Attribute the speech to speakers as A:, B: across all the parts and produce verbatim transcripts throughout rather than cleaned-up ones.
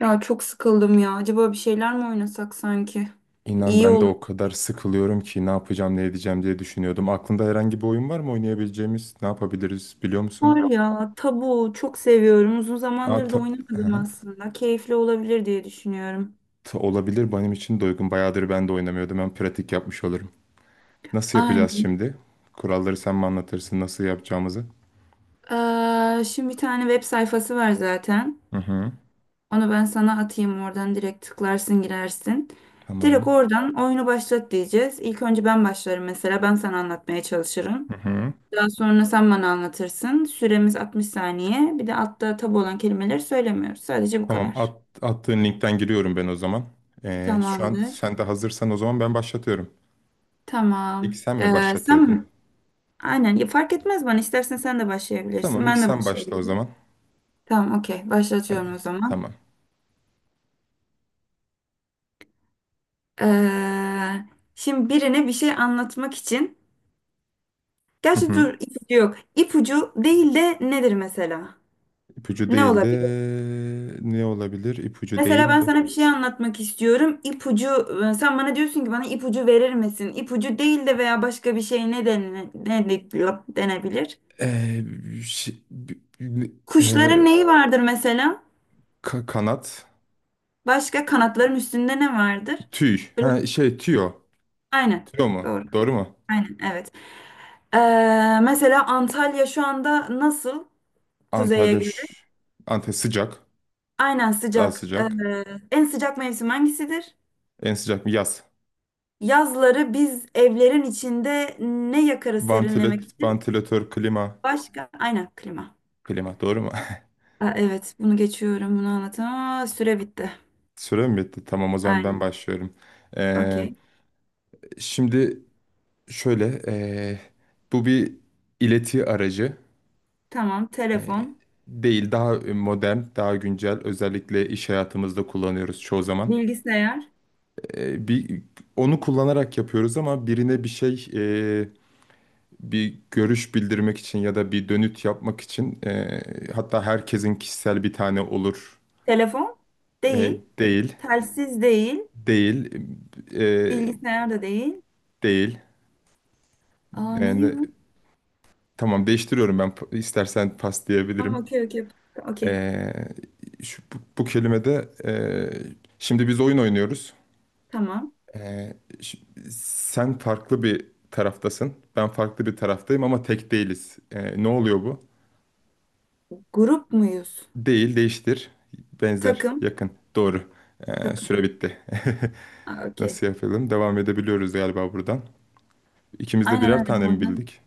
A: Ya çok sıkıldım ya. Acaba bir şeyler mi oynasak sanki?
B: İnan
A: İyi
B: ben de
A: olur.
B: o kadar sıkılıyorum ki ne yapacağım ne edeceğim diye düşünüyordum. Aklında herhangi bir oyun var mı oynayabileceğimiz? Ne yapabiliriz biliyor musun?
A: Var ya tabu çok seviyorum. Uzun
B: Aa,
A: zamandır da
B: ta-
A: oynamadım
B: Aha.
A: aslında. Keyifli olabilir diye düşünüyorum.
B: Ta- olabilir benim için de uygun. Bayağıdır ben de oynamıyordum. Ben pratik yapmış olurum. Nasıl yapacağız
A: Aynen.
B: şimdi? Kuralları sen mi anlatırsın nasıl yapacağımızı?
A: Ee, şimdi bir tane web sayfası var zaten.
B: Hı hı.
A: Onu ben sana atayım oradan direkt tıklarsın girersin.
B: Tamam.
A: Direkt oradan oyunu başlat diyeceğiz. İlk önce ben başlarım mesela. Ben sana anlatmaya çalışırım.
B: Hı hı.
A: Daha sonra sen bana anlatırsın. Süremiz altmış saniye. Bir de altta tabu olan kelimeleri söylemiyoruz. Sadece bu
B: Tamam
A: kadar.
B: at, attığın linkten giriyorum ben o zaman. Ee, şu an
A: Tamamdır.
B: sen de hazırsan o zaman ben başlatıyorum. İlk
A: Tamam.
B: sen mi
A: Ee, sen
B: başlatıyordun?
A: mi? Aynen. Ya, fark etmez bana. İstersen sen de başlayabilirsin.
B: Tamam ilk
A: Ben de
B: sen başla o
A: başlayabilirim.
B: zaman.
A: Tamam, okey.
B: Hadi.
A: Başlatıyorum o zaman.
B: Tamam.
A: Ee, Şimdi birine bir şey anlatmak için.
B: Hı
A: Gerçi
B: hı.
A: dur ipucu yok. İpucu değil de nedir mesela?
B: İpucu
A: Ne
B: değildi.
A: olabilir?
B: Ne olabilir? İpucu
A: Mesela ben
B: değildi.
A: sana bir şey anlatmak istiyorum. İpucu, e, sen bana diyorsun ki bana ipucu verir misin? İpucu değil de veya başka bir şey ne, dene- ne de- denebilir?
B: Ee, şey- b- b-
A: Kuşların
B: e,
A: neyi vardır mesela?
B: ka- kanat.
A: Başka kanatların üstünde ne vardır?
B: Tüy.
A: Böyle-
B: Ha, şey tüyo.
A: Aynen.
B: Tüyo mu?
A: Doğru.
B: Doğru mu?
A: Aynen. Evet. Ee, Mesela Antalya şu anda nasıl kuzeye
B: Antalya,
A: göre?
B: ş- Antalya sıcak.
A: Aynen
B: Daha
A: sıcak.
B: sıcak.
A: Ee, en sıcak mevsim hangisidir?
B: En sıcak mı? Yaz.
A: Yazları biz evlerin içinde ne yakarız serinlemek
B: Vantilat,
A: için?
B: vantilatör, klima.
A: Başka? Aynen klima.
B: Klima doğru mu?
A: Aa, evet bunu geçiyorum bunu anlatamam. Aa, süre bitti.
B: Süre mi bitti? Tamam o zaman ben
A: Aynen.
B: başlıyorum. Ee,
A: Okey.
B: şimdi şöyle. ee, bu bir ileti aracı.
A: Tamam.
B: E,
A: Telefon.
B: değil daha e, modern, daha güncel özellikle iş hayatımızda kullanıyoruz çoğu zaman.
A: Bilgisayar.
B: E, bir onu kullanarak yapıyoruz ama birine bir şey e, bir görüş bildirmek için ya da bir dönüt yapmak için e, hatta herkesin kişisel bir tane olur.
A: Telefon
B: E,
A: değil.
B: değil,
A: Telsiz değil.
B: değil, e,
A: Bilgisayar da değil.
B: değil.
A: Aa ne ya?
B: Yani, tamam değiştiriyorum ben Pa- istersen pas
A: Tamam,
B: diyebilirim.
A: okey okey. Okey.
B: E, şu, bu, bu kelimede e, şimdi biz oyun oynuyoruz.
A: Tamam.
B: Ee, ş- sen farklı bir taraftasın. Ben farklı bir taraftayım ama tek değiliz. Ee, ne oluyor bu?
A: Grup muyuz?
B: Değil, değiştir, benzer,
A: Takım.
B: yakın, doğru. Ee,
A: Takım.
B: süre bitti.
A: Aa, okey.
B: Nasıl yapalım? Devam edebiliyoruz galiba buradan. İkimiz de
A: Aynen
B: birer
A: öyle
B: tane mi
A: oradan.
B: bildik?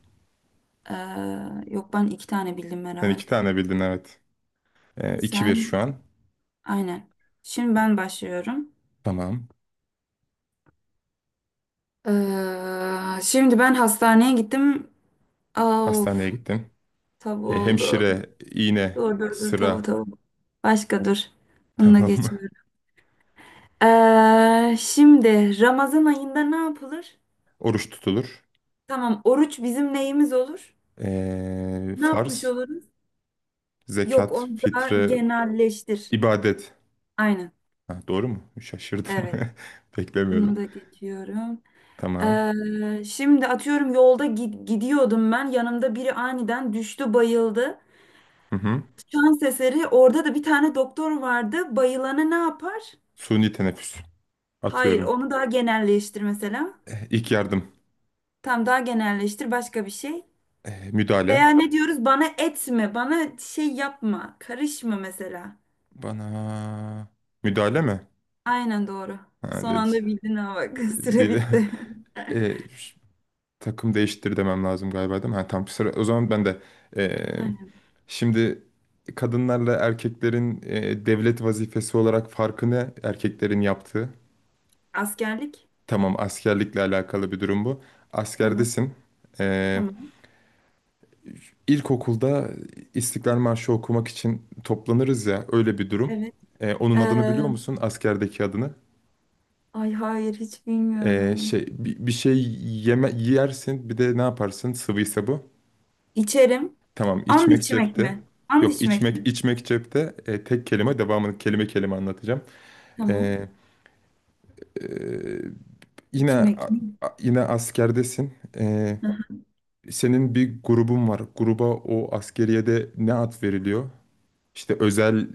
A: Ee, yok ben iki tane bildim
B: Sen iki
A: herhalde.
B: tane bildin, evet. Ee, iki bir şu
A: Sen
B: an.
A: aynen. Şimdi ben başlıyorum.
B: Tamam.
A: Ee, şimdi ben hastaneye gittim. Aa,
B: Hastaneye
A: of.
B: gittin.
A: Tav
B: Ee,
A: oldu.
B: hemşire, iğne,
A: Dur dur dur tav
B: sıra.
A: tav. Başka dur. Bununla
B: Tamam.
A: geçiyorum. Ee, şimdi Ramazan ayında ne yapılır?
B: Oruç tutulur.
A: Tamam, oruç bizim neyimiz olur?
B: Ee,
A: Ne yapmış
B: farz,
A: oluruz? Yok,
B: zekat,
A: onu da
B: fitre,
A: genelleştir.
B: ibadet.
A: Aynen.
B: Ha, doğru mu? Şaşırdım.
A: Evet. Bunu
B: Beklemiyordum.
A: da geçiyorum.
B: Tamam.
A: Ee, şimdi atıyorum yolda gi- gidiyordum ben. Yanımda biri aniden düştü, bayıldı.
B: Hı hı.
A: Şans eseri orada da bir tane doktor vardı. Bayılanı ne yapar?
B: Suni teneffüs.
A: Hayır,
B: Atıyorum.
A: onu daha genelleştir mesela.
B: Eh, İlk yardım.
A: Tam daha genelleştir başka bir şey.
B: Eh,
A: Veya
B: müdahale.
A: ne diyoruz? Bana etme, bana şey yapma, karışma mesela.
B: Bana... Müdahale mi?
A: Aynen doğru.
B: Ha,
A: Son anda
B: dedi.
A: bildin ha bak. Süre
B: Dile-
A: bitti.
B: Eh, Takım değiştir demem lazım galiba, değil mi? Ha, tamam. Sıra. O zaman ben de... eh,
A: Aynen.
B: şimdi kadınlarla erkeklerin eh, devlet vazifesi olarak farkını erkeklerin yaptığı.
A: Askerlik.
B: Tamam, askerlikle alakalı bir durum bu.
A: Tamam.
B: Askerdesin. Eh,
A: Tamam.
B: İlkokulda İstiklal Marşı okumak için toplanırız ya, öyle bir durum.
A: Evet.
B: Ee, onun
A: Ee,
B: adını biliyor musun? Askerdeki adını.
A: Ay hayır hiç
B: Ee,
A: bilmiyorum.
B: şey bi- bir, şey yeme yersin bir de ne yaparsın? Sıvıysa bu.
A: İçerim.
B: Tamam,
A: And
B: içmek
A: içmek
B: cepte.
A: mi? And
B: Yok,
A: içmek
B: içmek
A: mi?
B: içmek cepte. Ee, tek kelime, devamını kelime kelime anlatacağım.
A: Tamam.
B: Ee, e, yine a-
A: İçmek mi?
B: a- yine askerdesin. Ee,
A: Aha.
B: senin bir grubun var. Gruba o askeriyede ne ad veriliyor? İşte özel.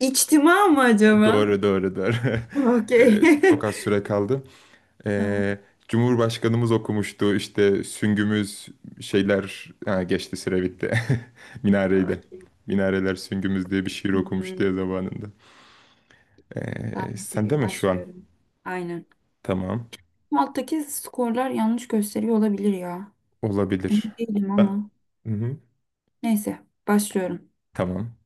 A: İçtima mı acaba?
B: Doğru, doğru, doğru.
A: Okey.
B: Eee, çok az süre kaldı.
A: Tamam.
B: Eee, Cumhurbaşkanımız okumuştu işte süngümüz şeyler, ha, geçti, süre bitti. Minareydi.
A: Okey.
B: Minareler süngümüz diye bir şiir okumuştu
A: Hmm.
B: ya zamanında.
A: Tamam.
B: Eee sen de
A: Okey.
B: mi şu an?
A: Başlıyorum. Aynen.
B: Tamam.
A: Bu alttaki skorlar yanlış gösteriyor olabilir ya. Emin
B: Olabilir.
A: değilim
B: Ben...
A: ama.
B: Hı-hı.
A: Neyse. Başlıyorum.
B: Tamam.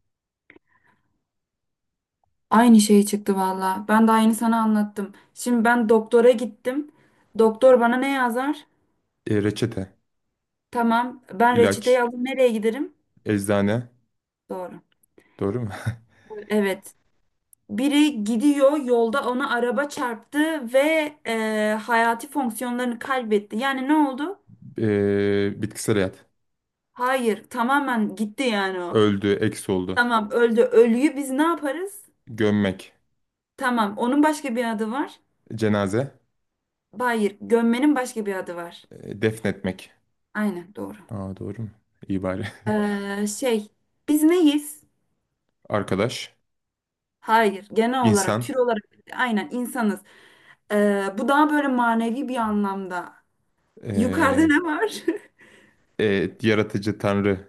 A: Aynı şey çıktı valla. Ben daha yeni sana anlattım. Şimdi ben doktora gittim. Doktor bana ne yazar?
B: Eee, reçete,
A: Tamam. Ben reçeteyi
B: ilaç,
A: aldım. Nereye giderim?
B: eczane.
A: Doğru.
B: Doğru mu?
A: Evet. Biri gidiyor yolda ona araba çarptı ve e, hayati fonksiyonlarını kaybetti. Yani ne oldu?
B: Eee, bitkisel hayat.
A: Hayır. Tamamen gitti yani o.
B: Öldü, eks oldu.
A: Tamam öldü. Ölüyü biz ne yaparız?
B: Gömmek,
A: Tamam. Onun başka bir adı var.
B: cenaze,
A: Hayır. Gömmenin başka bir adı var.
B: eee, defnetmek.
A: Aynen doğru.
B: Aa, doğru mu? İyi bari.
A: Ee, şey Biz neyiz?
B: Arkadaş,
A: Hayır, genel olarak,
B: insan,
A: tür olarak aynen insanız. Ee, bu daha böyle manevi bir anlamda. Yukarıda
B: ee,
A: ne var?
B: e, yaratıcı tanrı,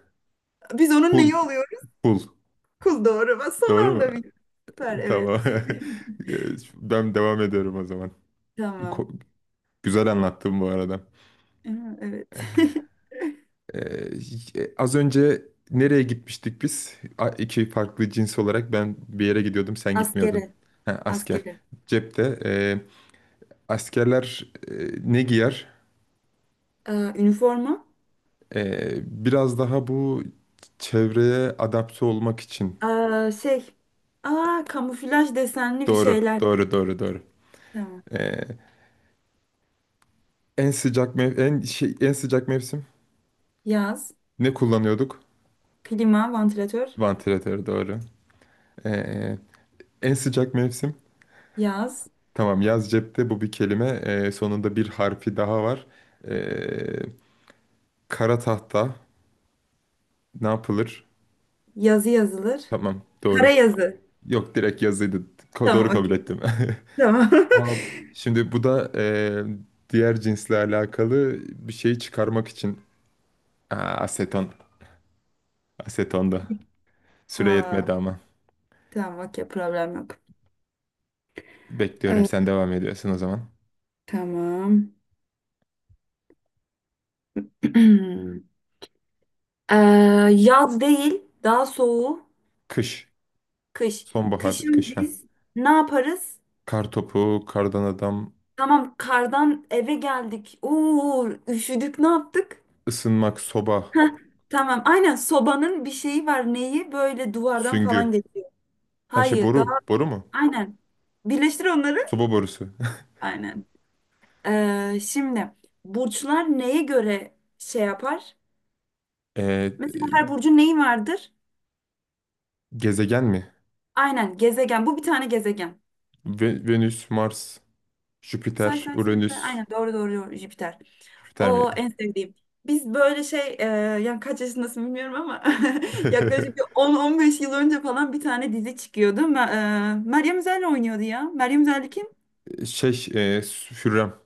A: Biz onun neyi
B: pul,
A: oluyoruz?
B: pul.
A: Kul doğru. Ben son
B: Doğru mu?
A: anda bir. Süper, evet.
B: Tamam. Ben devam ediyorum o zaman.
A: Tamam.
B: Ko- Güzel anlattım bu arada.
A: Ee, evet.
B: Ee, az önce nereye gitmiştik biz? A- İki farklı cins olarak ben bir yere gidiyordum, sen
A: Askere,
B: gitmiyordun. Ha, asker.
A: askere.
B: Cepte. ee, askerler ee, ne giyer?
A: Ee, üniforma.
B: Ee, biraz daha bu çevreye adapte olmak için.
A: Ee, şey. Aa, kamuflaj desenli bir
B: Doğru,
A: şeyler.
B: doğru, doğru, doğru.
A: Tamam.
B: Ee, en sıcak mev en şey en sıcak mevsim
A: Yaz.
B: ne kullanıyorduk?
A: Klima, vantilatör.
B: Vantilatör doğru. Ee, En sıcak mevsim.
A: Yaz.
B: Tamam, yaz cepte, bu bir kelime. Ee, sonunda bir harfi daha var. Ee, kara tahta ne yapılır?
A: Yazı yazılır.
B: Tamam,
A: Kara
B: doğru.
A: yazı.
B: Yok, direkt yazıydı. Ko- doğru,
A: Tamam,
B: kabul
A: okey.
B: ettim.
A: Tamam.
B: Aa, şimdi bu da eee, diğer cinsle alakalı bir şeyi çıkarmak için. Aa, aseton. Aseton da. Süre
A: Aa,
B: yetmedi ama.
A: tamam okey problem yok.
B: Bekliyorum,
A: Ee,
B: sen devam ediyorsun o zaman.
A: tamam. Ee, Yaz değil daha soğuğu
B: Kış.
A: kış.
B: Sonbahar,
A: Kışın
B: kış ha.
A: biz ne yaparız?
B: Kar topu, kardan adam,
A: Tamam kardan eve geldik. Oo üşüdük ne yaptık?
B: ısınmak, soba,
A: Heh, tamam aynen sobanın bir şeyi var neyi böyle duvardan falan
B: süngü.
A: geçiyor.
B: Her şey
A: Hayır daha
B: boru. Boru mu?
A: aynen. Birleştir onları.
B: Soba borusu.
A: Aynen. Ee, şimdi burçlar neye göre şey yapar?
B: Eee,
A: Mesela
B: e,
A: her burcun neyi vardır?
B: gezegen mi?
A: Aynen gezegen. Bu bir tane gezegen.
B: Ve- Venüs, Mars,
A: Say
B: Jüpiter,
A: say say say.
B: Uranüs.
A: Aynen doğru doğru doğru Jüpiter.
B: Jüpiter
A: O
B: miydi?
A: en sevdiğim. Biz böyle şey e, yani kaç yaşındasın bilmiyorum ama yaklaşık bir on on beş yıl önce falan bir tane dizi çıkıyordu. Ma- e, Meryem Üzer'le oynuyordu ya. Meryem Üzer'li kim?
B: Şey, eee Hürrem.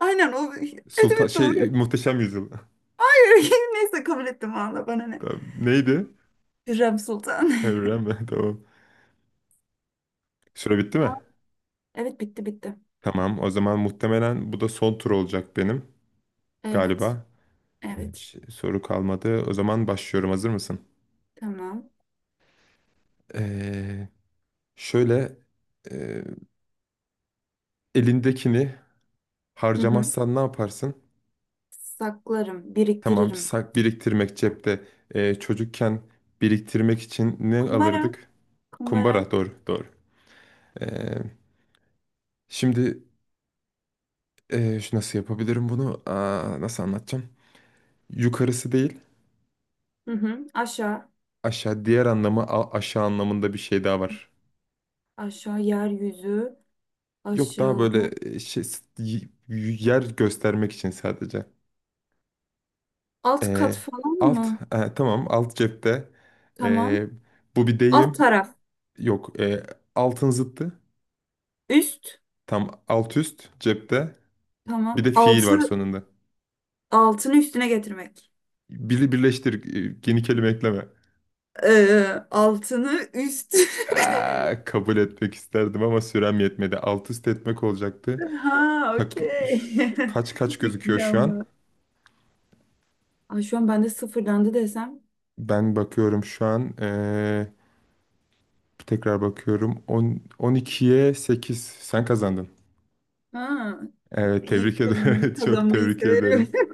A: Aynen o. Evet
B: Sultan
A: evet
B: şey
A: doğru.
B: Muhteşem Yüzyıl.
A: Hayır neyse kabul ettim valla bana ne.
B: Tamam. Neydi?
A: Hürrem Sultan.
B: Evren mi? Tamam. Süre bitti mi?
A: Aa, evet bitti bitti.
B: Tamam. O zaman muhtemelen bu da son tur olacak benim
A: Evet.
B: galiba.
A: Evet.
B: Hiç soru kalmadı. O zaman başlıyorum. Hazır mısın?
A: Tamam.
B: Ee, şöyle e, elindekini
A: Hı hı.
B: harcamazsan ne yaparsın?
A: Saklarım,
B: Tamam, bir
A: biriktiririm.
B: sak biriktirmek cepte. Ee, çocukken biriktirmek için ne
A: Kumbara.
B: alırdık?
A: Kumbara.
B: Kumbara. Doğru, doğru. Ee, şimdi e, şu, nasıl yapabilirim bunu? Aa, nasıl anlatacağım? Yukarısı değil,
A: Hı hı. Aşağı.
B: aşağı, diğer anlamı a- aşağı anlamında bir şey daha var.
A: Aşağı yeryüzü.
B: Yok, daha
A: Aşağı.
B: böyle e, şey s- y- yer göstermek için sadece.
A: Alt kat
B: Ee,
A: falan
B: alt
A: mı?
B: e, tamam, alt cepte.
A: Tamam.
B: Ee, bu bir
A: Alt
B: deyim.
A: taraf.
B: Yok, e, altın zıttı.
A: Üst.
B: Tam alt üst cepte. Bir
A: Tamam.
B: de fiil var
A: Altı.
B: sonunda.
A: Altını üstüne getirmek.
B: Biri birleştir, e, yeni kelime ekleme.
A: Ee, Altını üst.
B: Aa, kabul etmek isterdim ama sürem yetmedi. Alt üst etmek olacaktı.
A: Ha,
B: Tak,
A: okey.
B: ş- kaç kaç gözüküyor
A: İyi
B: şu an?
A: ama. Ay, şu an ben de sıfırlandı desem.
B: Ben bakıyorum şu an. eee, tekrar bakıyorum. on, on ikiye sekiz. Sen kazandın.
A: Ha,
B: Evet,
A: iyi
B: tebrik ederim.
A: sevindim.
B: Çok
A: Kazanmayı
B: tebrik
A: severim.
B: ederim.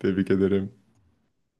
B: Tebrik ederim.